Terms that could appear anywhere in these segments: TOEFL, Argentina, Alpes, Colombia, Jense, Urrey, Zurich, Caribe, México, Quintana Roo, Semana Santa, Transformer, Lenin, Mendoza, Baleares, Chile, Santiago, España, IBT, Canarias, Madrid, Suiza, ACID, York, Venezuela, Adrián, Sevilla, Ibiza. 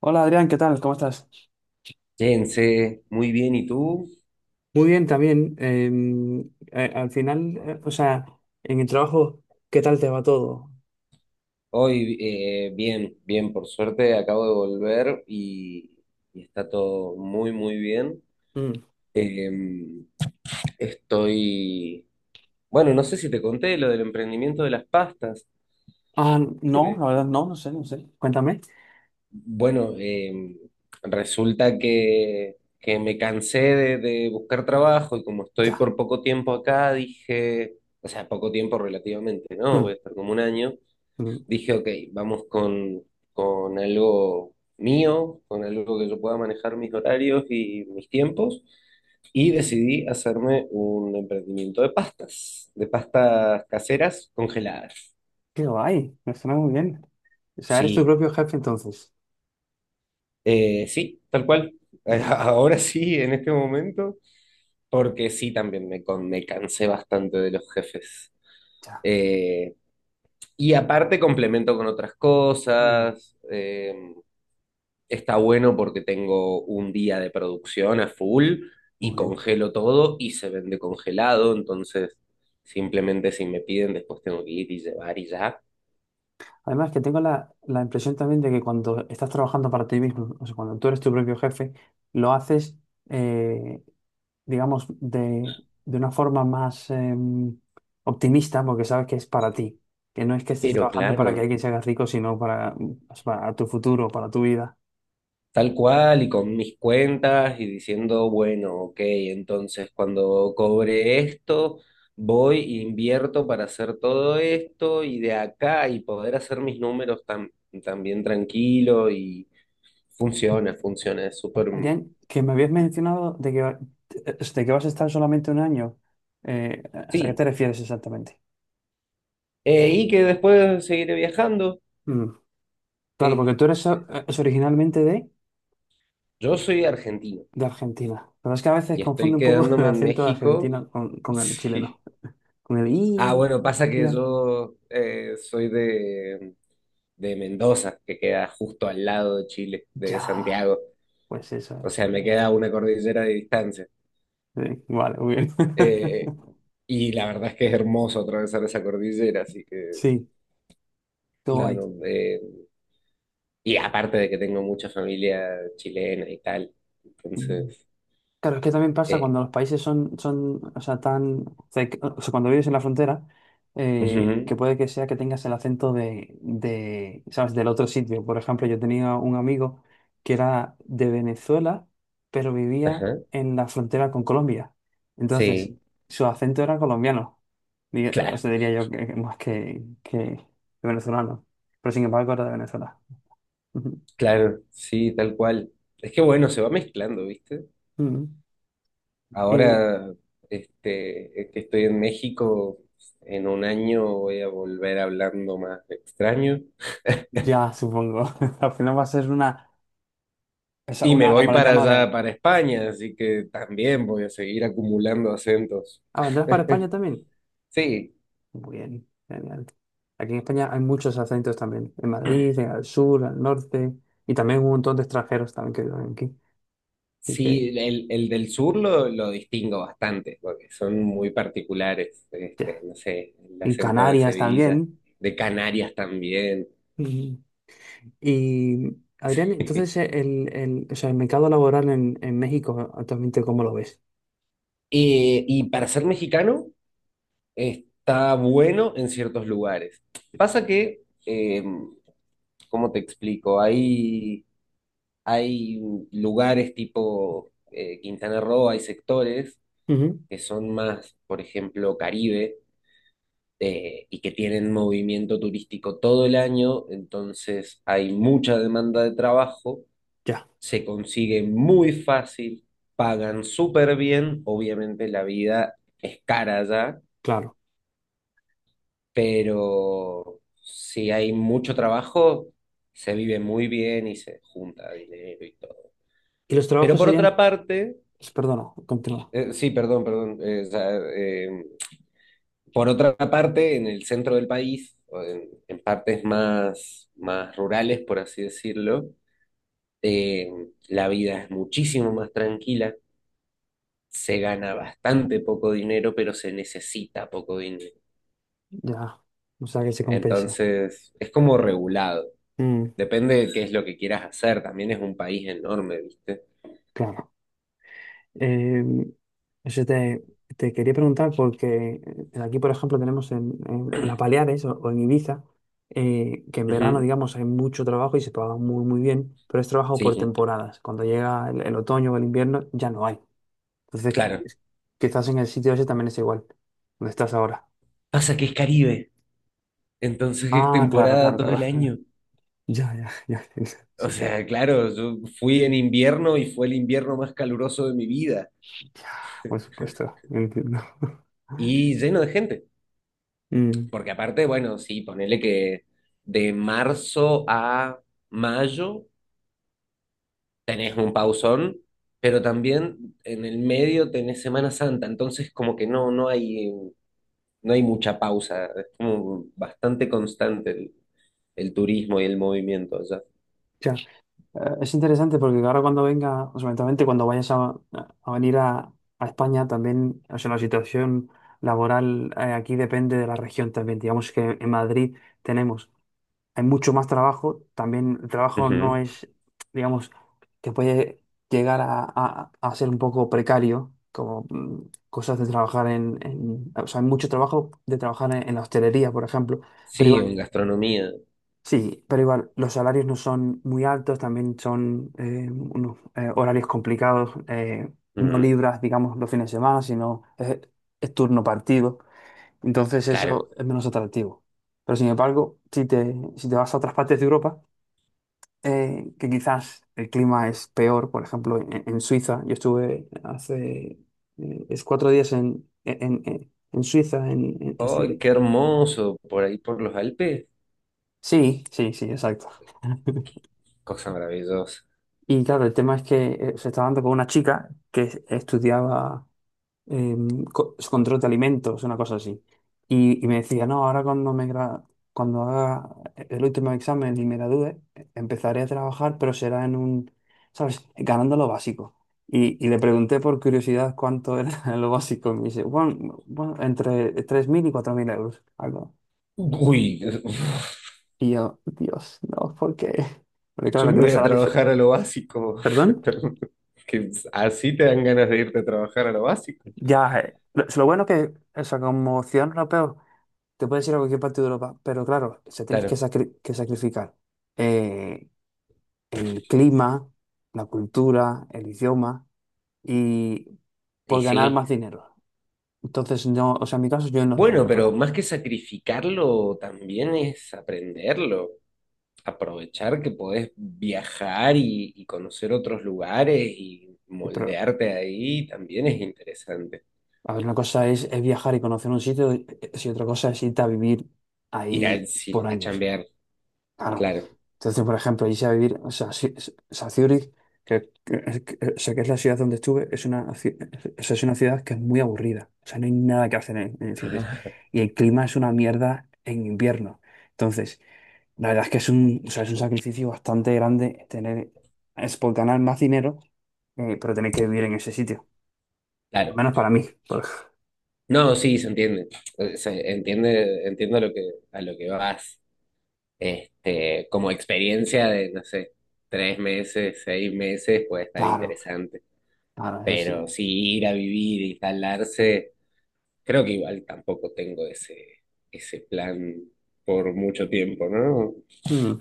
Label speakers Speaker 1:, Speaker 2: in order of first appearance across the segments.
Speaker 1: Hola Adrián, ¿qué tal? ¿Cómo estás?
Speaker 2: Jense, muy bien, ¿y tú?
Speaker 1: Muy bien, también. Al final, o sea, en el trabajo, ¿qué tal te va todo?
Speaker 2: Hoy bien, bien, por suerte acabo de volver y está todo muy, muy bien.
Speaker 1: Mm.
Speaker 2: Eh, estoy, bueno, no sé si te conté lo del emprendimiento de las pastas.
Speaker 1: Ah,
Speaker 2: Creo
Speaker 1: no,
Speaker 2: que,
Speaker 1: la verdad no, no sé, no sé. Cuéntame.
Speaker 2: bueno, resulta que, me cansé de buscar trabajo y como estoy
Speaker 1: Ya.
Speaker 2: por poco tiempo acá, dije, o sea, poco tiempo relativamente, ¿no? Voy
Speaker 1: Mm,
Speaker 2: a estar como un año.
Speaker 1: mm.
Speaker 2: Dije, ok, vamos con algo mío, con algo que yo pueda manejar mis horarios y mis tiempos, y decidí hacerme un emprendimiento de pastas caseras congeladas.
Speaker 1: Qué guay, me suena muy bien. O sea, eres tu
Speaker 2: Sí,
Speaker 1: propio jefe entonces.
Speaker 2: sí, tal cual.
Speaker 1: Oh.
Speaker 2: Ahora sí, en este momento, porque sí, también me, me cansé bastante de los jefes.
Speaker 1: Ya.
Speaker 2: Eh, y aparte complemento con otras
Speaker 1: Mm,
Speaker 2: cosas. Está bueno porque tengo un día de producción a full
Speaker 1: muy
Speaker 2: y
Speaker 1: bien.
Speaker 2: congelo todo y se vende congelado, entonces simplemente si me piden después tengo que ir y llevar y ya.
Speaker 1: Además que tengo la impresión también de que cuando estás trabajando para ti mismo, o sea, cuando tú eres tu propio jefe, lo haces, eh, digamos, de una forma más, optimista, porque sabes que es para ti, que no es que estés
Speaker 2: Pero
Speaker 1: trabajando para que
Speaker 2: claro,
Speaker 1: alguien se haga rico, sino para, pues, para tu futuro, para tu vida.
Speaker 2: tal cual y con mis cuentas y diciendo, bueno, ok, entonces cuando cobre esto, voy e invierto para hacer todo esto y de acá y poder hacer mis números tan, también tranquilo y funciona, funciona, es súper...
Speaker 1: Adrián, que me habías mencionado de que, de que vas a estar solamente un año. ¿A qué te
Speaker 2: Sí,
Speaker 1: refieres exactamente?
Speaker 2: Y que después seguiré viajando.
Speaker 1: Mm. Claro,
Speaker 2: Este,
Speaker 1: porque tú eres, es originalmente de,
Speaker 2: yo soy argentino
Speaker 1: Argentina. La verdad es que a veces
Speaker 2: y
Speaker 1: confunde
Speaker 2: estoy
Speaker 1: un poco el
Speaker 2: quedándome en
Speaker 1: acento de
Speaker 2: México.
Speaker 1: Argentina con, con el chileno.
Speaker 2: Sí.
Speaker 1: Con el
Speaker 2: Ah,
Speaker 1: i
Speaker 2: bueno, pasa
Speaker 1: al
Speaker 2: que
Speaker 1: final.
Speaker 2: yo soy de Mendoza, que queda justo al lado de Chile, de
Speaker 1: Ya,
Speaker 2: Santiago.
Speaker 1: pues eso
Speaker 2: O sea,
Speaker 1: es.
Speaker 2: me queda una cordillera de distancia.
Speaker 1: Sí, vale, muy bien.
Speaker 2: Eh, y la verdad es que es hermoso atravesar esa cordillera, así que,
Speaker 1: Sí, qué
Speaker 2: no,
Speaker 1: guay.
Speaker 2: no, y aparte de que tengo mucha familia chilena y tal,
Speaker 1: Mm.
Speaker 2: entonces,
Speaker 1: Claro, es que también pasa
Speaker 2: eh,
Speaker 1: cuando los países son, o sea, tan, o sea, cuando vives en la frontera, que
Speaker 2: ujú.
Speaker 1: puede que sea que tengas el acento ¿sabes? Del otro sitio. Por ejemplo, yo tenía un amigo que era de Venezuela, pero vivía
Speaker 2: Ajá.
Speaker 1: en la frontera con Colombia. Entonces,
Speaker 2: Sí,
Speaker 1: su acento era colombiano. O
Speaker 2: claro,
Speaker 1: sea, diría yo que más que venezolano. Pero sin embargo, era de Venezuela. Ujú.
Speaker 2: claro, sí, tal cual. Es que bueno, se va mezclando, ¿viste?
Speaker 1: Ujú. Y
Speaker 2: Ahora, este, es que estoy en México, en un año voy a volver hablando más extraño.
Speaker 1: ya, supongo. Al final va a ser una,
Speaker 2: Y me
Speaker 1: una
Speaker 2: voy para
Speaker 1: amalgama de.
Speaker 2: allá, para España, así que también voy a seguir acumulando acentos.
Speaker 1: Ah, ¿vendrás para España también?
Speaker 2: Sí,
Speaker 1: Muy bien, genial. Aquí en España hay muchos acentos también. En Madrid, al sur, al norte. Y también un montón de extranjeros también que viven aquí. Así que,
Speaker 2: sí, el del sur lo distingo bastante, porque son muy particulares, este,
Speaker 1: ya.
Speaker 2: no sé, el
Speaker 1: En
Speaker 2: acento de
Speaker 1: Canarias
Speaker 2: Sevilla,
Speaker 1: también.
Speaker 2: de Canarias también.
Speaker 1: Y, y, Adrián, entonces, o sea, el mercado laboral en México actualmente, ¿cómo lo ves?
Speaker 2: Y para ser mexicano está bueno en ciertos lugares. Pasa que, ¿cómo te explico? Hay lugares tipo Quintana Roo, hay sectores
Speaker 1: Ujú.
Speaker 2: que son más, por ejemplo, Caribe, y que tienen movimiento turístico todo el año, entonces hay mucha demanda de trabajo,
Speaker 1: Ya,
Speaker 2: se consigue muy fácil, pagan súper bien, obviamente la vida es cara allá
Speaker 1: claro.
Speaker 2: pero si hay mucho trabajo, se vive muy bien y se junta dinero y todo.
Speaker 1: Y los
Speaker 2: Pero
Speaker 1: trabajos
Speaker 2: por
Speaker 1: serían.
Speaker 2: otra parte,
Speaker 1: Perdona, continúa.
Speaker 2: sí, perdón, perdón, o sea, por otra parte, en el centro del país, o en partes más, más rurales, por así decirlo, eh, la vida es muchísimo más tranquila, se gana bastante poco dinero, pero se necesita poco dinero.
Speaker 1: Ya. O sea, que se compensa.
Speaker 2: Entonces, es como regulado.
Speaker 1: Mm,
Speaker 2: Depende de qué es lo que quieras hacer, también es un país enorme, ¿viste?
Speaker 1: claro. Eh, Eso te quería preguntar porque, aquí, por ejemplo, tenemos en las Baleares, o en Ibiza, que en verano,
Speaker 2: Ujú,
Speaker 1: digamos, hay mucho trabajo y se paga muy, muy bien, pero es trabajo por
Speaker 2: sí,
Speaker 1: temporadas. Cuando llega el otoño o el invierno, ya no hay. Entonces, que,
Speaker 2: claro.
Speaker 1: que estás en el sitio ese también es igual, donde estás ahora.
Speaker 2: Pasa que es Caribe, entonces es
Speaker 1: Ah, claro,
Speaker 2: temporada
Speaker 1: claro,
Speaker 2: todo
Speaker 1: claro.
Speaker 2: el año.
Speaker 1: Ya, ya, ya. Entiendo.
Speaker 2: O
Speaker 1: Sí, claro.
Speaker 2: sea, claro, yo fui en invierno y fue el invierno más caluroso de mi vida
Speaker 1: Ya, por supuesto, entiendo.
Speaker 2: y lleno de gente.
Speaker 1: Mm.
Speaker 2: Porque aparte, bueno, sí, ponele que de marzo a mayo tenés un pausón, pero también en el medio tenés Semana Santa, entonces como que no, no hay mucha pausa, es como bastante constante el turismo y el movimiento allá.
Speaker 1: Ya. Es interesante porque ahora cuando venga, o sea, eventualmente cuando vayas a venir a España también. O sea, la situación laboral, aquí depende de la región también. Digamos que en Madrid tenemos, hay mucho más trabajo. También el trabajo no
Speaker 2: Ujú,
Speaker 1: es, digamos, que puede llegar a ser un poco precario, como, cosas de trabajar o sea, hay mucho trabajo de trabajar en la hostelería, por ejemplo, pero.
Speaker 2: sí, o en gastronomía.
Speaker 1: Sí, pero igual los salarios no son muy altos, también son, unos, horarios complicados. No
Speaker 2: Ujú,
Speaker 1: libras, digamos, los fines de semana, sino es turno partido, entonces
Speaker 2: claro.
Speaker 1: eso es menos atractivo. Pero sin embargo, si te vas a otras partes de Europa, que quizás el clima es peor. Por ejemplo, en Suiza, yo estuve hace, es 4 días en Suiza, en
Speaker 2: ¡Ay,
Speaker 1: Zurich.
Speaker 2: qué hermoso! Por ahí por los Alpes,
Speaker 1: Sí, sí, sí, exacto.
Speaker 2: cosa maravillosa.
Speaker 1: Y claro, el tema es que, se estaba dando con una chica que estudiaba, eh, control de alimentos, una cosa así. Me decía, no, ahora cuando haga el último examen y me gradúe, empezaré a trabajar, pero será en un, ¿sabes? Ganando lo básico. Le pregunté por curiosidad cuánto era lo básico. Y me dice, bueno, bueno, entre 3.000 y 4.000 euros, algo.
Speaker 2: Uy,
Speaker 1: Y yo, Dios, no, ¿por qué? Porque
Speaker 2: yo
Speaker 1: claro,
Speaker 2: me
Speaker 1: aquí
Speaker 2: voy
Speaker 1: los
Speaker 2: a
Speaker 1: salarios.
Speaker 2: trabajar a lo básico.
Speaker 1: ¿Perdón?
Speaker 2: Que así te dan ganas de irte a trabajar a lo básico.
Speaker 1: Ya, lo bueno que, o sea, como ciudadano europeo, te puedes ir a cualquier parte de Europa, pero claro, se tienes que,
Speaker 2: Claro.
Speaker 1: que sacrificar, eh, el clima, la cultura, el idioma, y
Speaker 2: Y
Speaker 1: por ganar
Speaker 2: sí.
Speaker 1: más dinero. Entonces, no, o sea, en mi caso yo no lo
Speaker 2: Bueno,
Speaker 1: haría por ahí.
Speaker 2: pero más que sacrificarlo, también es aprenderlo. Aprovechar que podés viajar y conocer otros lugares y
Speaker 1: Pero,
Speaker 2: moldearte ahí también es interesante.
Speaker 1: a ver, una cosa es viajar y conocer un sitio, y si otra cosa es irte a vivir
Speaker 2: Ir
Speaker 1: ahí
Speaker 2: al, sí,
Speaker 1: por
Speaker 2: a
Speaker 1: años.
Speaker 2: chambear,
Speaker 1: Claro.
Speaker 2: claro.
Speaker 1: Entonces, por ejemplo, irse a vivir, o sea, o sea, Zúrich, o sea, que es la ciudad donde estuve, es una, o sea, es una ciudad que es muy aburrida. O sea, no hay nada que hacer en Zúrich.
Speaker 2: Ah,
Speaker 1: Y el clima es una mierda en invierno. Entonces, la verdad es que es un, o sea, es un sacrificio bastante grande tener, es por ganar más dinero, pero tener que vivir en ese sitio. Al
Speaker 2: claro.
Speaker 1: menos para mí. por-
Speaker 2: No, sí, se entiende. Se entiende, entiendo a lo que vas. Este, como experiencia de, no sé, tres meses, seis meses puede estar
Speaker 1: Claro,
Speaker 2: interesante.
Speaker 1: claro, eso sí.
Speaker 2: Pero sí, ir a vivir, instalarse. Creo que igual tampoco tengo ese, ese plan por mucho tiempo, ¿no?
Speaker 1: Mm. O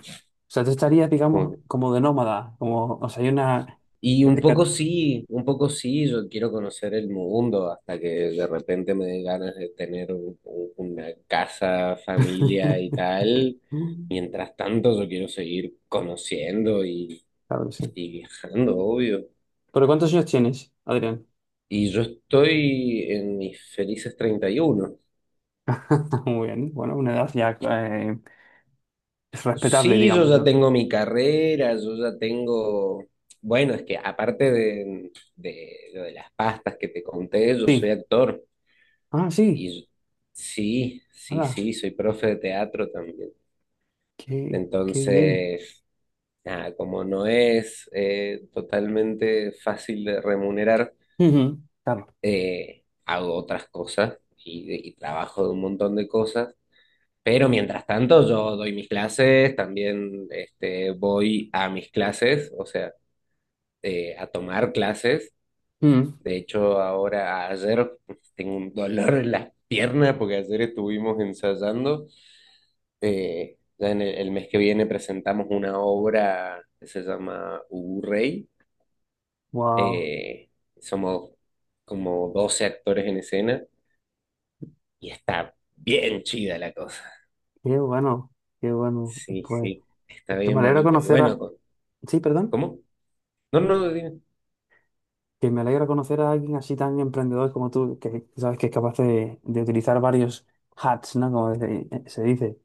Speaker 1: sea, tú estarías,
Speaker 2: Como
Speaker 1: digamos,
Speaker 2: que-
Speaker 1: como de nómada, como, o sea, hay una.
Speaker 2: Y un poco sí, yo quiero conocer el mundo hasta que de repente me den ganas de tener una casa, familia y tal.
Speaker 1: Mm.
Speaker 2: Mientras tanto, yo quiero seguir conociendo
Speaker 1: Claro que sí.
Speaker 2: y viajando, obvio.
Speaker 1: ¿Pero cuántos años tienes, Adrián?
Speaker 2: Y yo estoy en mis felices 31.
Speaker 1: Muy bien. Bueno, una edad ya, es respetable,
Speaker 2: Sí, yo
Speaker 1: digamos,
Speaker 2: ya
Speaker 1: ¿no?
Speaker 2: tengo mi carrera, yo ya tengo, bueno, es que aparte de lo de las pastas que te conté, yo soy
Speaker 1: Sí.
Speaker 2: actor
Speaker 1: Ah, sí.
Speaker 2: y sí, sí,
Speaker 1: Hala.
Speaker 2: sí, soy profe de teatro también.
Speaker 1: Qué bien.
Speaker 2: Entonces, nada, como no es totalmente fácil de remunerar,
Speaker 1: Ujú. Claro.
Speaker 2: hago otras cosas y trabajo de un montón de cosas. Pero mientras tanto, yo doy mis clases, también este, voy a mis clases, o sea, a tomar clases.
Speaker 1: Mm.
Speaker 2: De hecho, ahora ayer pues, tengo un dolor en las piernas porque ayer estuvimos ensayando. Ya en el mes que viene presentamos una obra que se llama Urrey.
Speaker 1: Wow.
Speaker 2: Eh, somos como 12 actores en escena y está bien chida la cosa.
Speaker 1: Qué bueno. Qué bueno.
Speaker 2: Sí,
Speaker 1: Pues
Speaker 2: sí, está
Speaker 1: que me
Speaker 2: bien
Speaker 1: alegra
Speaker 2: bonito. Y
Speaker 1: conocer
Speaker 2: bueno,
Speaker 1: a.
Speaker 2: con-
Speaker 1: Sí, perdón.
Speaker 2: ¿cómo? No, no, dime.
Speaker 1: Que me alegra conocer a alguien así tan emprendedor como tú, que sabes que es capaz de utilizar varios hats, ¿no? Como se dice.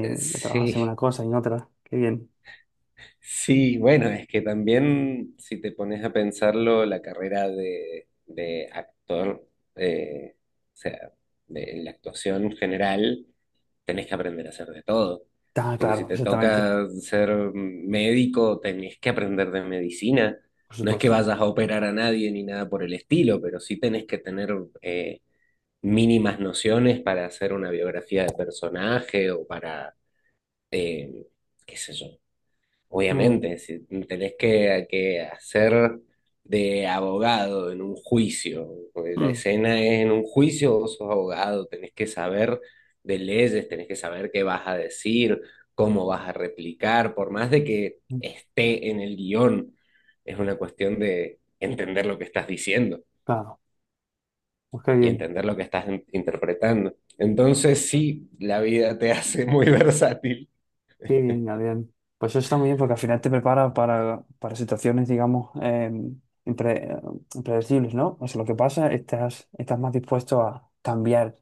Speaker 1: Que trabajas en una
Speaker 2: Sí,
Speaker 1: cosa y en otra. Qué bien.
Speaker 2: sí, bueno, es que también si te pones a pensarlo, la carrera de actor, eh, o sea, de la actuación general, tenés que aprender a hacer de todo.
Speaker 1: Ah,
Speaker 2: Porque si
Speaker 1: claro,
Speaker 2: te
Speaker 1: exactamente.
Speaker 2: toca ser médico, tenés que aprender de medicina.
Speaker 1: Por
Speaker 2: No es que
Speaker 1: supuesto.
Speaker 2: vayas a operar a nadie ni nada por el estilo, pero sí tenés que tener eh, mínimas nociones para hacer una biografía de personaje o para, eh, qué sé yo.
Speaker 1: Mm,
Speaker 2: Obviamente, si tenés que hacer de abogado en un juicio, porque la
Speaker 1: mm,
Speaker 2: escena es en un juicio, vos sos abogado, tenés que saber de leyes, tenés que saber qué vas a decir, cómo vas a replicar, por más de que
Speaker 1: mm.
Speaker 2: esté en el guión, es una cuestión de entender lo que estás diciendo
Speaker 1: Claro, pues
Speaker 2: y entender lo que estás interpretando. Entonces, sí, la vida te hace muy versátil.
Speaker 1: qué bien, Adrián. Pues eso está muy bien porque al final te prepara para situaciones, digamos, impre- eh, impredecibles, ¿no? O sea, lo que pasa, estás más dispuesto a cambiar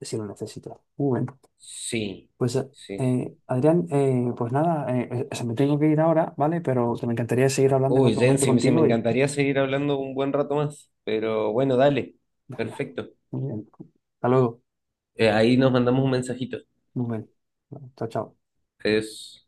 Speaker 1: si lo necesitas. Muy bien.
Speaker 2: Sí,
Speaker 1: Pues,
Speaker 2: sí,
Speaker 1: Adrián, pues nada, o sea, me tengo que ir ahora, ¿vale? Pero me encantaría seguir hablando en
Speaker 2: uy,
Speaker 1: otro
Speaker 2: Jen,
Speaker 1: momento
Speaker 2: sí, sí me
Speaker 1: contigo y.
Speaker 2: encantaría seguir hablando un buen rato más, pero bueno, dale,
Speaker 1: Venga,
Speaker 2: perfecto.
Speaker 1: muy bien. Hasta luego.
Speaker 2: Ahí nos mandamos un mensajito.
Speaker 1: Muy bien. Chao, chao.
Speaker 2: Es